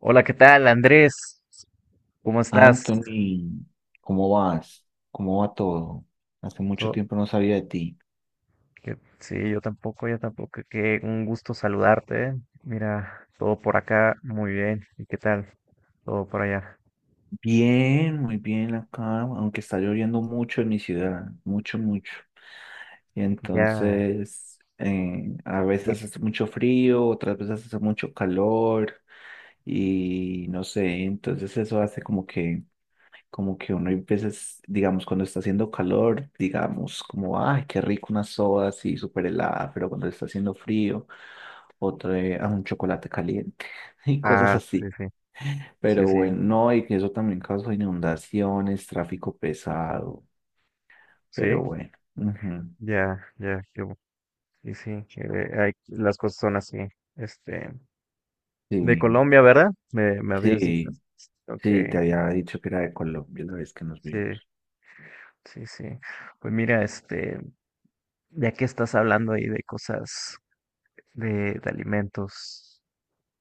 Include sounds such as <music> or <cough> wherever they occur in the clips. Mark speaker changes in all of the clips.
Speaker 1: Hola, ¿qué tal, Andrés? ¿Cómo estás?
Speaker 2: Anthony, ¿cómo vas? ¿Cómo va todo? Hace mucho
Speaker 1: To-
Speaker 2: tiempo no sabía de ti.
Speaker 1: Sí, yo tampoco. Qué un gusto saludarte. Mira, todo por acá, muy bien. ¿Y qué tal? Todo por allá.
Speaker 2: Bien, muy bien acá, aunque está lloviendo mucho en mi ciudad, mucho, mucho. Y
Speaker 1: Ya.
Speaker 2: entonces, a
Speaker 1: ve-
Speaker 2: veces hace mucho frío, otras veces hace mucho calor y no sé, entonces eso hace como que uno a veces, digamos, cuando está haciendo calor, digamos, como, ay, qué rico una soda así súper helada, pero cuando está haciendo frío, otra a un chocolate caliente <laughs> y cosas
Speaker 1: Ah, sí,
Speaker 2: así.
Speaker 1: sí, sí,
Speaker 2: Pero
Speaker 1: sí,
Speaker 2: bueno, no, y que eso también causó inundaciones, tráfico pesado, pero
Speaker 1: sí.
Speaker 2: bueno. Ujú.
Speaker 1: Ya, ya, qué bu- Y sí, que hay, las cosas son así. Este, de
Speaker 2: Sí,
Speaker 1: Colombia, ¿verdad? Me habías dicho.
Speaker 2: sí,
Speaker 1: Ok,
Speaker 2: sí, te había dicho que era de Colombia la vez que nos
Speaker 1: sí,
Speaker 2: vimos.
Speaker 1: sí, sí. Pues mira, este, ya que estás hablando ahí de cosas de alimentos.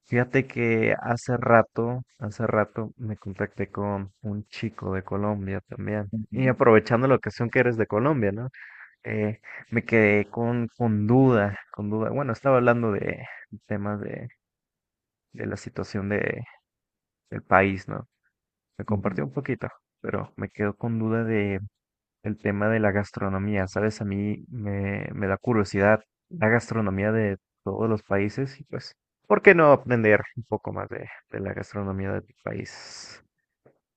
Speaker 1: Fíjate que hace rato me contacté con un chico de Colombia también. Y
Speaker 2: Ujú,
Speaker 1: aprovechando la ocasión que eres de Colombia, ¿no? Eh, me quedé con duda. Bueno, estaba hablando de temas de la situación de, del país, ¿no? Me compartió un
Speaker 2: ujú.
Speaker 1: poquito, pero me quedo con duda de el tema de la gastronomía, ¿sabes? A mí me da curiosidad la gastronomía de todos los países y pues, ¿por qué no aprender un poco más de la gastronomía de tu país?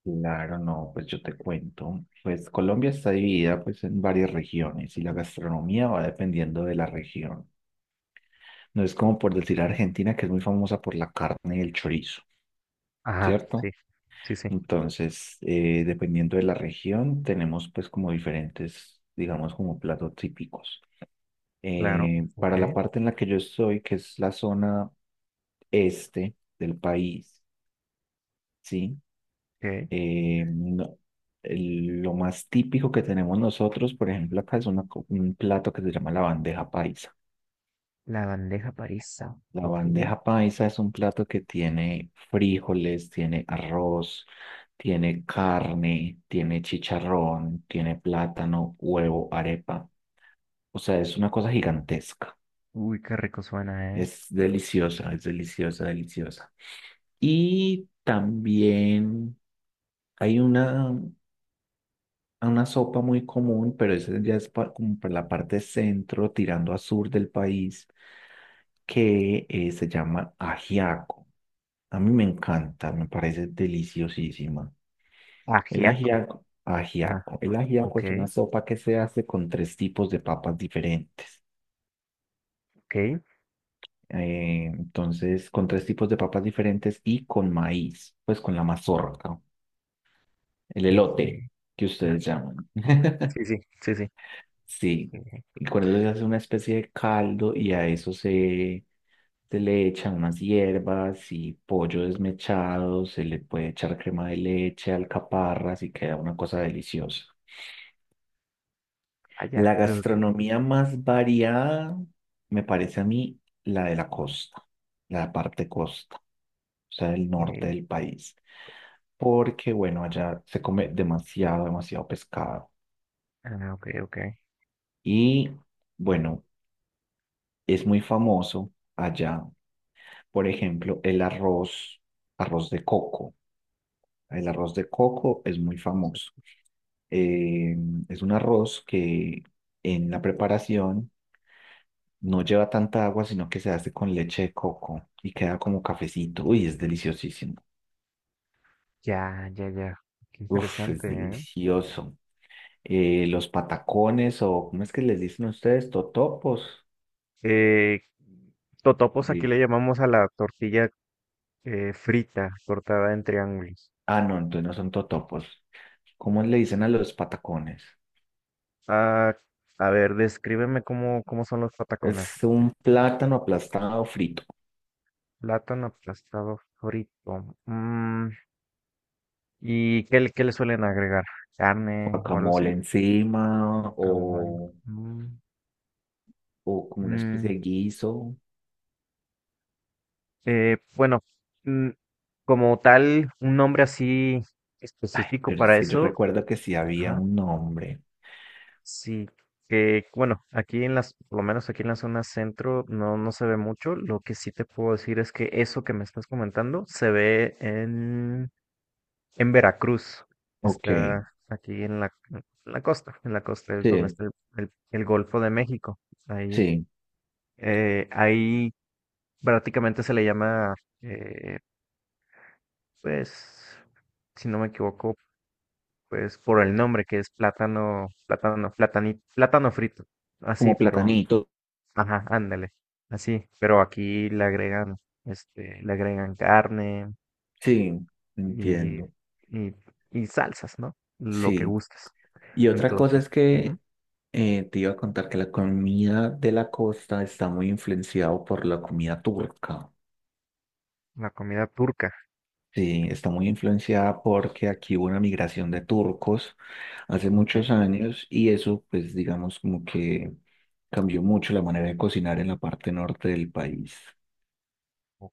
Speaker 2: Claro, no, pues yo te cuento. Pues Colombia está dividida pues en varias regiones y la gastronomía va dependiendo de la región. No es como por decir Argentina, que es muy famosa por la carne y el chorizo,
Speaker 1: Ajá, sí,
Speaker 2: ¿cierto?
Speaker 1: sí, sí,
Speaker 2: Entonces, dependiendo de la región, tenemos pues como diferentes, digamos, como platos típicos.
Speaker 1: claro, ok,
Speaker 2: Para la parte en la que yo estoy, que es la zona este del país, ¿sí?
Speaker 1: ok.
Speaker 2: Eh, no- lo más típico que tenemos nosotros, por ejemplo, acá es una un plato que se llama la bandeja paisa.
Speaker 1: La bandeja paisa,
Speaker 2: La
Speaker 1: ok.
Speaker 2: bandeja paisa es un plato que tiene frijoles, tiene arroz, tiene carne, tiene chicharrón, tiene plátano, huevo, arepa. O sea, es una cosa gigantesca.
Speaker 1: Uy, qué rico suena, ¿eh?
Speaker 2: Es deliciosa, deliciosa. Y también hay una sopa muy común, pero esa ya es como para la parte centro, tirando a sur del país, que se llama ajiaco. A mí me encanta, me parece deliciosísima. El
Speaker 1: Ajiaco,
Speaker 2: ajiaco,
Speaker 1: ajá,
Speaker 2: ajiaco. El ajiaco
Speaker 1: ok,
Speaker 2: es una sopa que se hace con tres tipos de papas diferentes.
Speaker 1: ok,
Speaker 2: Entonces, con tres tipos de papas diferentes y con maíz, pues con la mazorca, el
Speaker 1: ok,
Speaker 2: elote que ustedes
Speaker 1: ajiaco.
Speaker 2: llaman. <laughs>
Speaker 1: Sí, sí, sí, sí.
Speaker 2: Sí,
Speaker 1: eh,
Speaker 2: y con eso se hace una especie de caldo y a eso se le echan unas hierbas y pollo desmechado, se le puede echar crema de leche, alcaparras y queda una cosa deliciosa.
Speaker 1: Allá,
Speaker 2: La
Speaker 1: creo que,
Speaker 2: gastronomía más variada me parece a mí la de la costa, la parte costa, o sea, el norte
Speaker 1: eh,
Speaker 2: del país, porque bueno, allá se come demasiado, demasiado pescado
Speaker 1: ah, ok, ok.
Speaker 2: y bueno, es muy famoso allá, por ejemplo, el arroz, arroz de coco. El arroz de coco es muy famoso. Eh, es un arroz que en la preparación no lleva tanta agua, sino que se hace con leche de coco y queda como cafecito. Uy, es deliciosísimo.
Speaker 1: Ya, ya, ya. Qué
Speaker 2: Uf, es
Speaker 1: interesante, ¿eh?
Speaker 2: delicioso. Los patacones o, ¿cómo es que les dicen ustedes? Totopos.
Speaker 1: Eh, Totopos aquí
Speaker 2: Eh,
Speaker 1: le llamamos a la tortilla frita, cortada en triángulos.
Speaker 2: ah, no, entonces no son totopos. ¿Cómo le dicen a los patacones?
Speaker 1: Ah, a ver, descríbeme cómo son los patacones.
Speaker 2: Es
Speaker 1: Fíjate.
Speaker 2: un plátano aplastado frito,
Speaker 1: Plátano aplastado frito. Mm, ¿qué le suelen agregar? ¿Carne o algo
Speaker 2: guacamole
Speaker 1: así?
Speaker 2: encima
Speaker 1: Guacamole. Mm,
Speaker 2: o como una especie
Speaker 1: mm,
Speaker 2: de guiso.
Speaker 1: bueno, mm, como tal, un nombre así
Speaker 2: Ay,
Speaker 1: específico
Speaker 2: pero es
Speaker 1: para
Speaker 2: que yo
Speaker 1: eso.
Speaker 2: recuerdo que sí había
Speaker 1: Ajá,
Speaker 2: un nombre.
Speaker 1: sí, que bueno, aquí en las, por lo menos aquí en la zona centro no, no se ve mucho. Lo que sí te puedo decir es que eso que me estás comentando se ve en Veracruz.
Speaker 2: Ok,
Speaker 1: Está aquí en la costa es donde
Speaker 2: sí,
Speaker 1: está el Golfo de México. Ahí,
Speaker 2: sí.
Speaker 1: ahí prácticamente se le llama, eh, pues, si no me equivoco, pues por el nombre que es plátano, plátano, platanito, plátano frito. Así,
Speaker 2: Como
Speaker 1: pero
Speaker 2: platanito.
Speaker 1: ajá, ándale, así, pero aquí le agregan, este, le agregan carne
Speaker 2: Sí,
Speaker 1: y,
Speaker 2: entiendo.
Speaker 1: y, y salsas, ¿no? Lo que
Speaker 2: Sí.
Speaker 1: gustes.
Speaker 2: Y otra cosa
Speaker 1: Entonces,
Speaker 2: es
Speaker 1: ujú,
Speaker 2: que te iba a contar que la comida de la costa está muy influenciada por la comida turca.
Speaker 1: la comida turca,
Speaker 2: Sí, está muy influenciada porque aquí hubo una migración de turcos hace
Speaker 1: ok.
Speaker 2: muchos años y eso, pues, digamos, como que cambió mucho la manera de cocinar en la parte norte del país.
Speaker 1: Ok.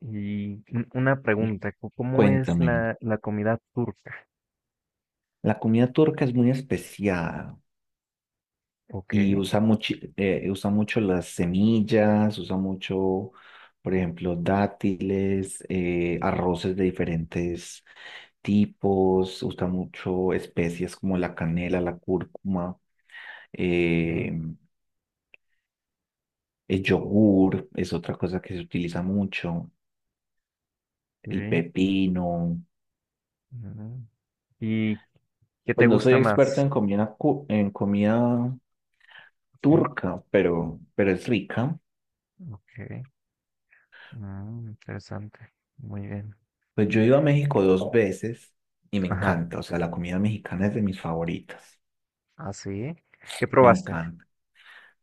Speaker 1: Y una
Speaker 2: Y
Speaker 1: pregunta, ¿cómo es
Speaker 2: cuéntame,
Speaker 1: la, la comida turca?
Speaker 2: la comida turca es muy especial.
Speaker 1: Ok.
Speaker 2: Y usa mucho las semillas, usa mucho, por ejemplo, dátiles,
Speaker 1: Sí.
Speaker 2: arroces de diferentes tipos, usa mucho especies como la canela, la cúrcuma, eh,
Speaker 1: Ok,
Speaker 2: el yogur es otra cosa que se utiliza mucho, el
Speaker 1: ok,
Speaker 2: pepino.
Speaker 1: mm. ¿Y qué
Speaker 2: Pues
Speaker 1: te
Speaker 2: no soy
Speaker 1: gusta
Speaker 2: experto
Speaker 1: más?
Speaker 2: en comida, en comida
Speaker 1: Ok,
Speaker 2: turca, pero es rica.
Speaker 1: ok, mm, interesante, muy bien.
Speaker 2: Pues yo he ido a México dos veces y me
Speaker 1: Ajá,
Speaker 2: encanta, o sea, la comida mexicana es de mis favoritas,
Speaker 1: así. ¿Qué
Speaker 2: me
Speaker 1: probaste?
Speaker 2: encanta.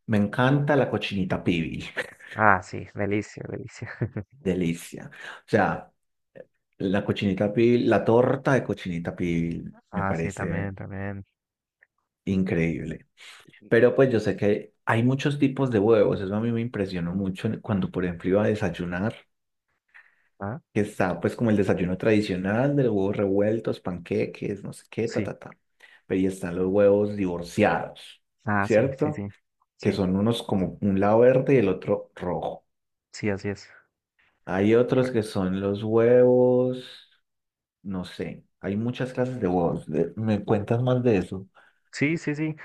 Speaker 2: Me encanta la cochinita pibil, <laughs>
Speaker 1: Ah, sí, delicia, delicia. <laughs>
Speaker 2: delicia. O sea, la cochinita pibil, la torta de cochinita pibil me
Speaker 1: Ah, sí, también,
Speaker 2: parece
Speaker 1: también.
Speaker 2: increíble. Pero pues yo sé que hay muchos tipos de huevos, eso a mí me impresionó mucho cuando, por ejemplo, iba a desayunar,
Speaker 1: Ah,
Speaker 2: que está pues como el desayuno tradicional de los huevos revueltos, panqueques, no sé qué, ta,
Speaker 1: sí.
Speaker 2: ta, ta. Pero ahí están los huevos divorciados,
Speaker 1: Ah, sí, sí,
Speaker 2: ¿cierto?
Speaker 1: sí.
Speaker 2: Que
Speaker 1: Sí,
Speaker 2: son unos como un lado verde y el otro rojo.
Speaker 1: sí, así es.
Speaker 2: Hay otros que
Speaker 1: Correcto.
Speaker 2: son los huevos, no sé, hay muchas clases de huevos. ¿Me cuentas más de eso?
Speaker 1: Sí, sí, sí.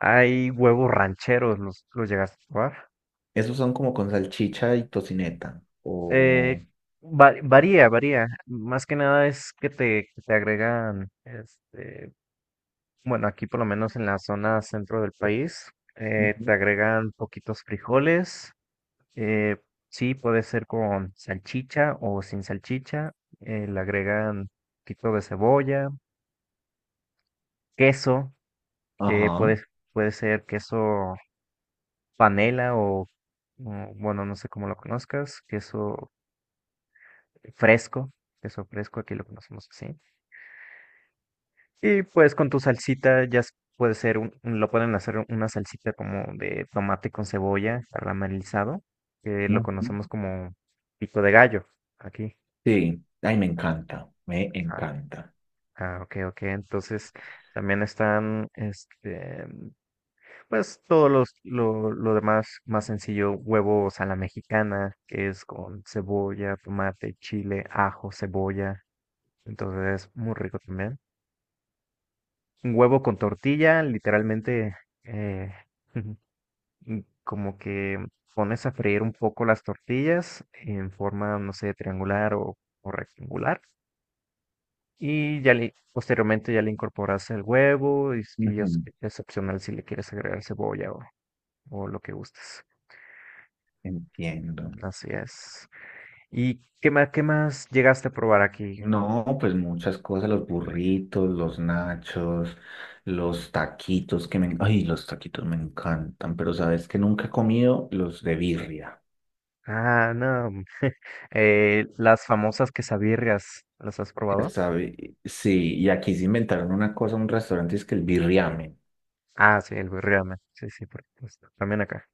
Speaker 1: Hay huevos rancheros, los llegaste a probar.
Speaker 2: Esos son como con salchicha y tocineta.
Speaker 1: Eh,
Speaker 2: O...
Speaker 1: Varía, varía. Más que nada es que te agregan, este, bueno, aquí por lo menos en la zona centro del país,
Speaker 2: Ujú.
Speaker 1: te agregan poquitos frijoles. Eh, sí, puede ser con salchicha o sin salchicha. Eh, le agregan un poquito de cebolla, queso, que
Speaker 2: Ajá.
Speaker 1: puede, puede ser queso panela o, mm, bueno, no sé cómo lo conozcas, fresco, queso fresco, aquí lo conocemos así. Y pues con tu salsita puede ser, lo pueden hacer una salsita como de tomate con cebolla caramelizado, que lo
Speaker 2: Ujú.
Speaker 1: conocemos como pico de gallo aquí.
Speaker 2: Sí, ay, me encanta, me
Speaker 1: Ah,
Speaker 2: encanta.
Speaker 1: ah, ok, ok. Entonces también están, este, pues lo demás más sencillo, huevos a la mexicana, que es con cebolla, tomate, chile, ajo, cebolla. Entonces, muy rico también. Un huevo con tortilla, literalmente, eh, <laughs> y como que pones a freír un poco las tortillas en forma, no sé, triangular o rectangular. Y ya le, posteriormente ya le incorporas el huevo y, y
Speaker 2: Ujú.
Speaker 1: es opcional si le quieres agregar cebolla o lo que gustes.
Speaker 2: Entiendo.
Speaker 1: Así es. ¿Y qué más llegaste a probar aquí?
Speaker 2: No, pues muchas cosas, los burritos, los nachos, los taquitos que me... Ay, los taquitos me encantan, pero sabes que nunca he comido los de birria.
Speaker 1: Ah, no. <laughs> Eh, las famosas quesabirrias, ¿las has probado?
Speaker 2: Sí, y aquí se inventaron una cosa, un restaurante, es que el birriame.
Speaker 1: Ah, sí, el birriame. Sí, sí, por supuesto. También acá.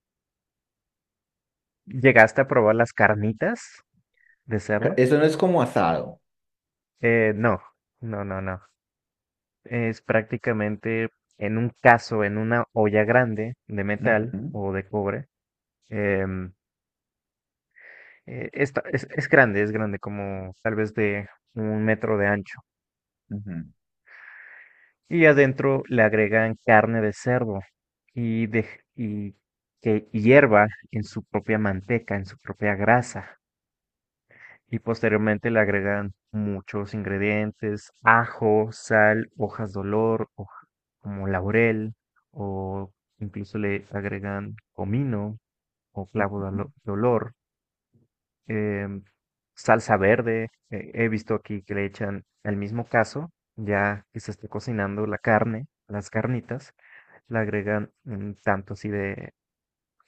Speaker 1: ¿Llegaste a probar las carnitas de cerdo?
Speaker 2: Eso no es como asado.
Speaker 1: Eh, no, no. Es prácticamente en un caso, en una olla grande de metal
Speaker 2: Ujú,
Speaker 1: o de cobre. Em, es grande, como tal vez de un metro de ancho.
Speaker 2: ujú,
Speaker 1: Y adentro le agregan carne de cerdo y, de, y que hierva en su propia manteca, en su propia grasa. Y posteriormente le agregan muchos ingredientes, ajo, sal, hojas de olor, como laurel, o incluso le agregan comino o de olor, em, salsa verde. Eh, he visto aquí que le echan el mismo caso, ya que se esté cocinando la carne, las carnitas, le agregan un tanto así de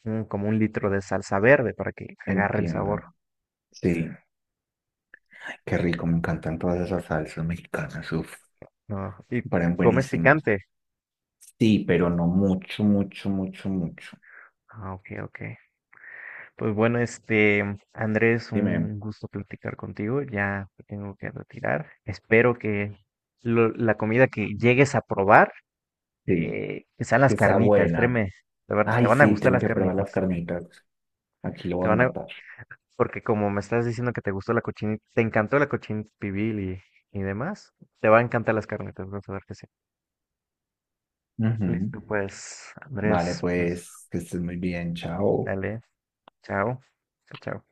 Speaker 1: como un litro de salsa verde para que agarre el sabor.
Speaker 2: entiendo. Sí, qué rico, me encantan todas esas salsas mexicanas, uf,
Speaker 1: ¿No? Y
Speaker 2: me parecen
Speaker 1: comes
Speaker 2: buenísimas.
Speaker 1: picante.
Speaker 2: Sí, pero no mucho, mucho, mucho, mucho.
Speaker 1: Ah, ok, ok. Pues bueno, este, Andrés,
Speaker 2: Dime,
Speaker 1: un gusto platicar contigo. Ya me tengo que retirar. Espero que la comida que llegues a probar,
Speaker 2: sí,
Speaker 1: que sean las
Speaker 2: que sea
Speaker 1: carnitas,
Speaker 2: buena.
Speaker 1: créeme, te van, te
Speaker 2: Ay,
Speaker 1: van a
Speaker 2: sí,
Speaker 1: gustar
Speaker 2: tengo
Speaker 1: las
Speaker 2: que probar las
Speaker 1: carnitas.
Speaker 2: carnitas. Aquí lo
Speaker 1: Te
Speaker 2: voy a
Speaker 1: van a,
Speaker 2: anotar.
Speaker 1: porque como me estás diciendo que te gustó la cochinita, te encantó la cochinita pibil y demás, te va a encantar las carnitas, vas a ver que sí.
Speaker 2: Ujú.
Speaker 1: Listo, pues,
Speaker 2: Vale,
Speaker 1: Andrés, pues,
Speaker 2: pues que estés muy bien. Chao.
Speaker 1: dale, chao, chao, chao.